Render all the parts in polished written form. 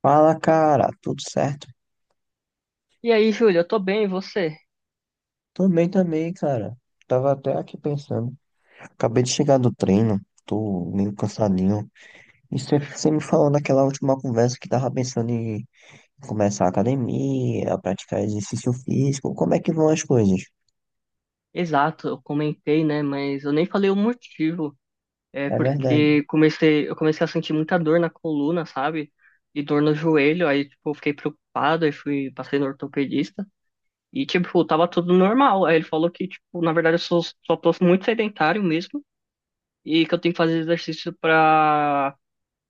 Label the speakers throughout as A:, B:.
A: Fala, cara, tudo certo?
B: E aí, Júlio, eu tô bem, e você?
A: Tô bem também, cara. Tava até aqui pensando. Acabei de chegar do treino, tô meio cansadinho. E você me falou naquela última conversa que tava pensando em começar a academia, praticar exercício físico. Como é que vão as coisas?
B: Exato, eu comentei, né? Mas eu nem falei o motivo. É
A: É verdade,
B: porque eu comecei a sentir muita dor na coluna, sabe? E dor no joelho, aí tipo, eu fiquei preocupado, aí fui, passei no ortopedista. E tipo, tava tudo normal. Aí ele falou que, tipo, na verdade eu sou, só tô muito sedentário mesmo e que eu tenho que fazer exercício pra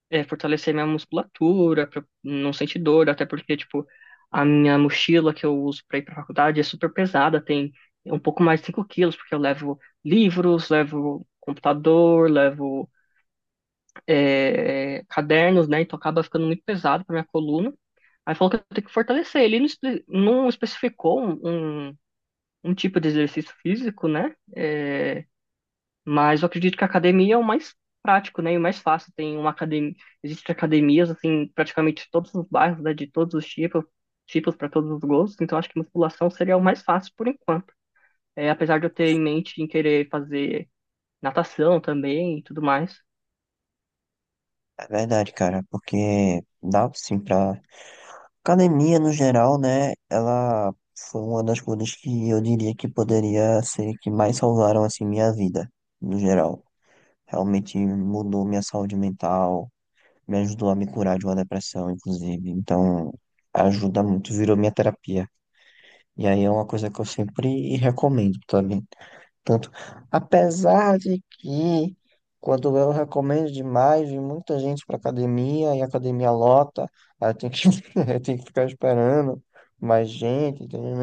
B: fortalecer minha musculatura, pra não sentir dor, até porque, tipo, a minha mochila que eu uso pra ir pra faculdade é super pesada, tem um pouco mais de 5 quilos, porque eu levo livros, levo computador, levo cadernos, né? Então acaba ficando muito pesado pra minha coluna. Aí falou que eu tenho que fortalecer. Ele não especificou um tipo de exercício físico, né? Mas eu acredito que a academia é o mais prático, né? E o mais fácil. Tem uma academia, existem academias assim, praticamente em todos os bairros, né? De todos os tipos, tipos para todos os gostos. Então acho que musculação seria o mais fácil por enquanto. É, apesar de eu ter em mente em querer fazer natação também e tudo mais.
A: é verdade, cara, porque dá sim pra. Academia, no geral, né? Ela foi uma das coisas que eu diria que poderia ser que mais salvaram, assim, minha vida, no geral. Realmente mudou minha saúde mental, me ajudou a me curar de uma depressão, inclusive. Então, ajuda muito, virou minha terapia. E aí é uma coisa que eu sempre recomendo também. Tanto, apesar de que quando eu recomendo demais, vem muita gente para academia e a academia lota, aí eu tenho que, eu tenho que ficar esperando mais gente, entendeu?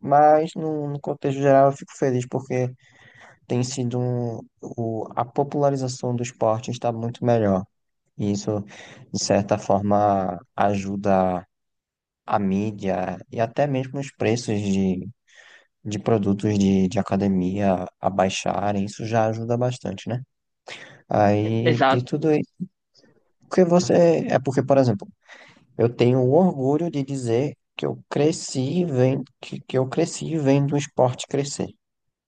A: Mas no contexto geral eu fico feliz porque tem sido a popularização do esporte está muito melhor. E isso, de certa forma, ajuda a mídia e até mesmo os preços de produtos de academia a baixarem. Isso já ajuda bastante, né? Aí, de
B: Exato,
A: tudo isso. Porque você. É porque, por exemplo, eu tenho o orgulho de dizer que eu cresci vendo, que eu cresci vendo o esporte crescer,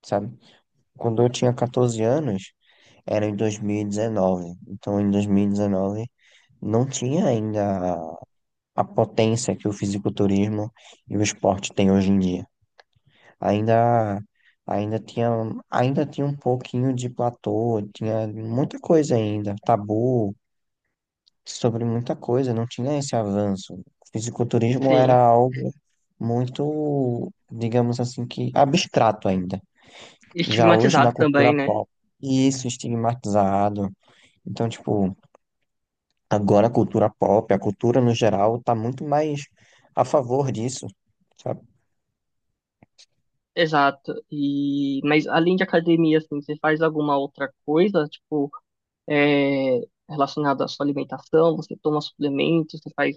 A: sabe? Quando eu tinha 14 anos, era em 2019. Então, em 2019, não tinha ainda a potência que o fisiculturismo e o esporte têm hoje em dia. Ainda, ainda tinha, ainda tinha um pouquinho de platô, tinha muita coisa ainda, tabu sobre muita coisa, não tinha esse avanço. O fisiculturismo era
B: sim.
A: algo muito, digamos assim, que abstrato ainda. Já hoje na
B: Estigmatizado
A: cultura
B: também, né?
A: pop, isso é estigmatizado. Então, tipo, agora a cultura pop, a cultura no geral, tá muito mais a favor disso, sabe?
B: Exato. E mas além de academia, assim, você faz alguma outra coisa, tipo, é, relacionada à sua alimentação? Você toma suplementos? Você faz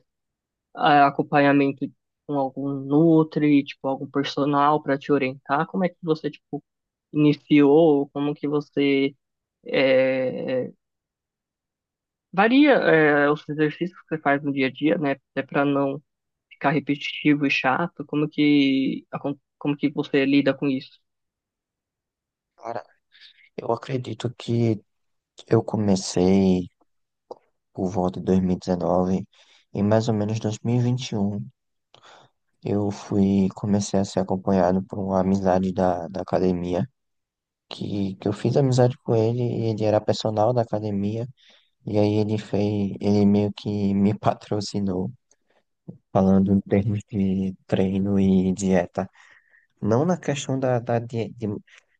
B: ah, acompanhamento com algum nutri, tipo, algum personal para te orientar? Como é que você, tipo, iniciou? Como que você é, varia os exercícios que você faz no dia a dia, né? Até para não ficar repetitivo e chato. Como que você lida com isso?
A: Cara, eu acredito que eu comecei por volta de 2019 e 19, em mais ou menos 2021 eu fui, comecei a ser acompanhado por uma amizade da academia, que eu fiz amizade com ele e ele era personal da academia e aí ele fez, ele meio que me patrocinou falando em termos de treino e dieta. Não na questão da, da,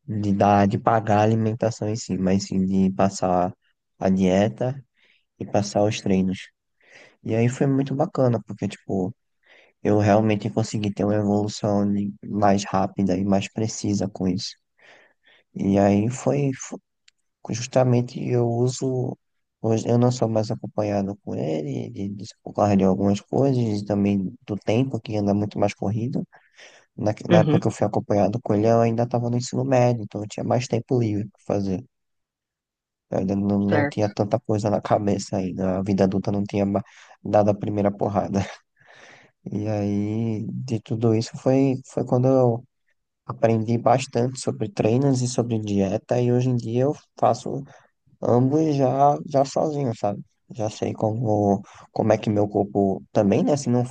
A: de, da- de pagar a alimentação em si, mas sim de passar a dieta e passar os treinos. E aí foi muito bacana, porque, tipo, eu realmente consegui ter uma evolução mais rápida e mais precisa com isso. E aí justamente eu uso. Hoje eu não sou mais acompanhado com ele, por causa de algumas coisas, e também do tempo, que anda muito mais corrido. Na época que
B: Uhum,
A: eu fui acompanhado com ele, eu ainda estava no ensino médio, então eu tinha mais tempo livre para fazer. Eu ainda não
B: certo.
A: tinha tanta coisa na cabeça ainda. A vida adulta não tinha dado a primeira porrada. E aí, de tudo isso, foi, foi quando eu aprendi bastante sobre treinos e sobre dieta. E hoje em dia eu faço. Ambos já sozinhos, sabe? Já sei como é que meu corpo também, né? Se não,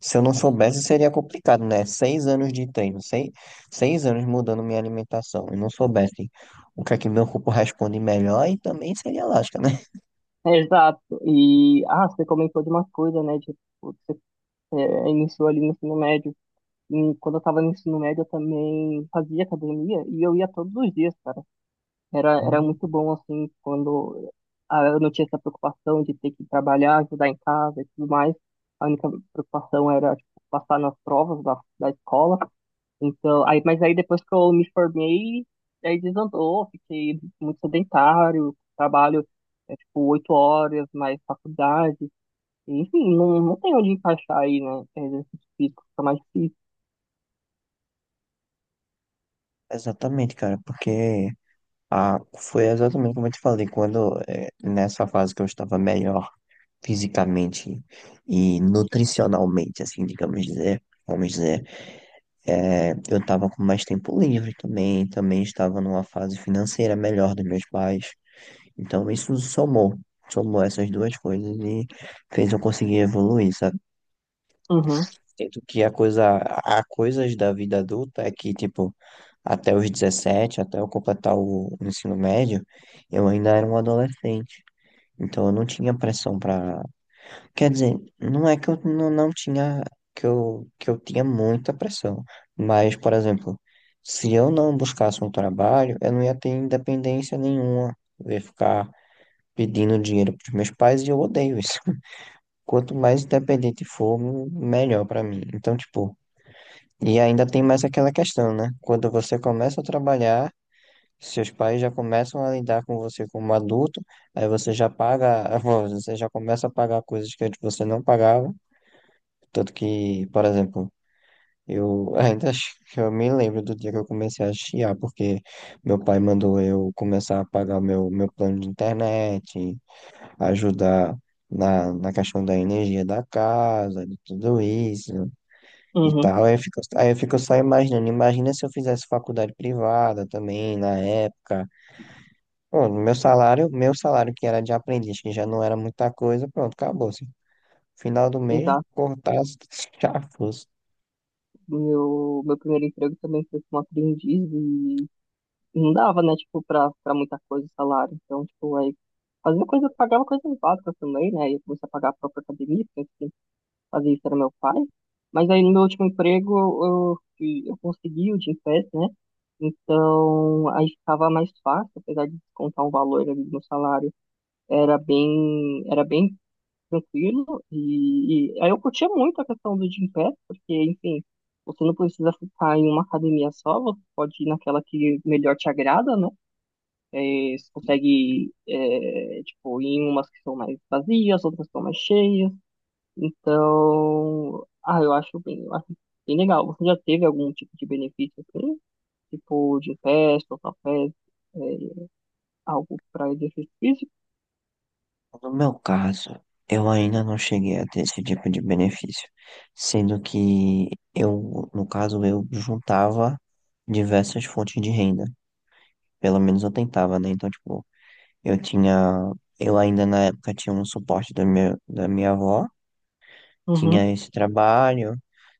A: se eu não soubesse, seria complicado, né? Seis anos de treino, seis anos mudando minha alimentação. E não soubesse o que é que meu corpo responde melhor, e também seria lógica, né?
B: É, exato. E, ah, você comentou de uma coisa, né? De, tipo, você iniciou ali no ensino médio. E quando eu tava no ensino médio, eu também fazia academia e eu ia todos os dias, cara. Era
A: Hum.
B: muito bom, assim, quando ah, eu não tinha essa preocupação de ter que trabalhar, ajudar em casa e tudo mais. A única preocupação era, tipo, passar nas provas da escola. Então, aí, mas aí depois que eu me formei, aí desandou, fiquei muito sedentário, trabalho, é, tipo, oito horas, mais faculdade. Enfim, não tem onde encaixar aí, né? Exercício físico fica mais difícil.
A: Exatamente, cara, porque foi exatamente como eu te falei, quando nessa fase que eu estava melhor fisicamente e nutricionalmente, assim, vamos dizer. É, eu estava com mais tempo livre também, também estava numa fase financeira melhor dos meus pais. Então isso somou essas duas coisas e fez eu conseguir evoluir, sabe?
B: Uhum,
A: Tanto que há coisas da vida adulta é que, tipo, até os 17 até eu completar o ensino médio, eu ainda era um adolescente. Então eu não tinha pressão. Para Quer dizer, não é que eu não tinha, que eu tinha muita pressão, mas, por exemplo, se eu não buscasse um trabalho, eu não ia ter independência nenhuma. Eu ia ficar pedindo dinheiro para os meus pais e eu odeio isso. Quanto mais independente for, melhor para mim. Então, tipo, e ainda tem mais aquela questão, né? Quando você começa a trabalhar, seus pais já começam a lidar com você como adulto, aí você já paga, você já começa a pagar coisas que antes você não pagava. Tanto que, por exemplo, eu ainda que eu me lembro do dia que eu comecei a chiar, porque meu pai mandou eu começar a pagar meu plano de internet, ajudar na questão da energia da casa, de tudo isso e
B: uhum,
A: tal. Aí eu fico só imaginando, imagina se eu fizesse faculdade privada também na época. Pronto, meu salário que era de aprendiz, que já não era muita coisa, pronto, acabou-se. Final do mês,
B: exato.
A: cortasse, já foi.
B: Meu primeiro emprego também foi como aprendiz e não dava, né, tipo, pra muita coisa o salário. Então, tipo, aí fazia coisa, pagava coisas básicas também, né? E eu comecei a pagar a própria academia, porque quem fazia isso era meu pai. Mas aí no meu último emprego eu consegui o Gympass, né? Então aí ficava mais fácil, apesar de descontar um valor ali no salário, era bem tranquilo. E aí eu curtia muito a questão do Gympass, porque, enfim, você não precisa ficar em uma academia só, você pode ir naquela que melhor te agrada, né? É, você consegue, é, tipo, ir em umas que são mais vazias, outras que são mais cheias. Então, ah, eu acho bem legal. Você já teve algum tipo de benefício assim? Tipo, de festa ou café, é, algo para exercício físico?
A: No meu caso, eu ainda não cheguei a ter esse tipo de benefício, sendo que eu, no caso, eu juntava diversas fontes de renda, pelo menos eu tentava, né? Então, tipo, eu tinha, eu ainda na época tinha um suporte da minha avó,
B: Uhum,
A: tinha esse trabalho,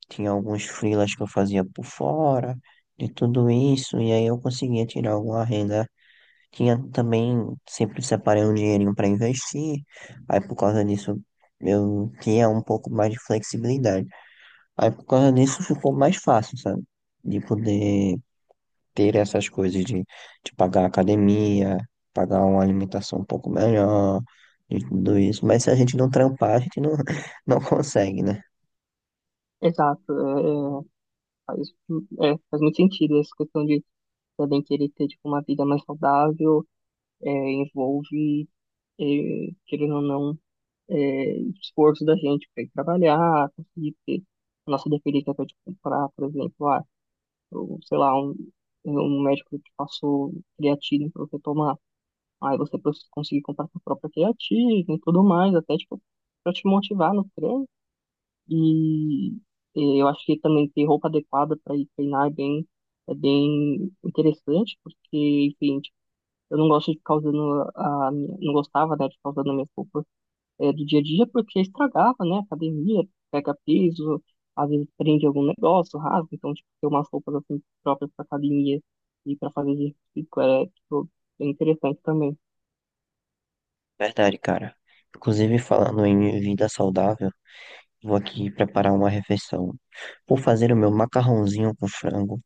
A: tinha alguns freelas que eu fazia por fora, de tudo isso, e aí eu conseguia tirar alguma renda tinha também, sempre separei um dinheirinho para investir, aí por causa disso eu tinha um pouco mais de flexibilidade. Aí por causa disso ficou mais fácil, sabe? De poder ter essas coisas de pagar a academia, pagar uma alimentação um pouco melhor, de tudo isso. Mas se a gente não trampar, a gente não, não consegue, né?
B: exato. É, faz, é, faz muito sentido essa questão de também querer ter, tipo, uma vida mais saudável, é, envolve, é, querendo ou não, é, esforço da gente para ir trabalhar, conseguir ter a nossa dependência para te comprar, por exemplo, ah, ou, sei lá, um médico te passou creatina para você tomar, aí você pros- conseguir comprar sua própria creatina e tudo mais, até tipo, para te motivar no treino. E eh, eu acho que também ter roupa adequada para ir treinar é bem interessante, porque, enfim, tipo, eu não gosto de ficar usando a minha, não gostava, né, de ficar usando minhas roupas do dia a dia, porque estragava, né? Academia, pega peso, às vezes prende algum negócio, rasga, então, tipo, ter umas roupas assim próprias para academia e para fazer exercício é, tipo, é interessante também.
A: Verdade, cara. Inclusive, falando em vida saudável, vou aqui preparar uma refeição. Vou fazer o meu macarrãozinho com frango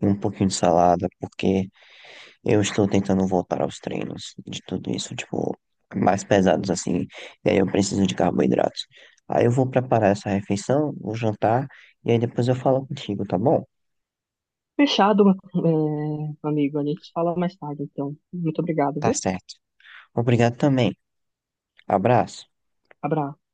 A: e um pouquinho de salada, porque eu estou tentando voltar aos treinos de tudo isso, tipo, mais pesados assim, e aí eu preciso de carboidratos. Aí eu vou preparar essa refeição, vou jantar, e aí depois eu falo contigo, tá bom?
B: Fechado, é, amigo, a gente fala mais tarde, então. Muito obrigado,
A: Tá
B: viu?
A: certo. Obrigado também. Abraço.
B: Abraço.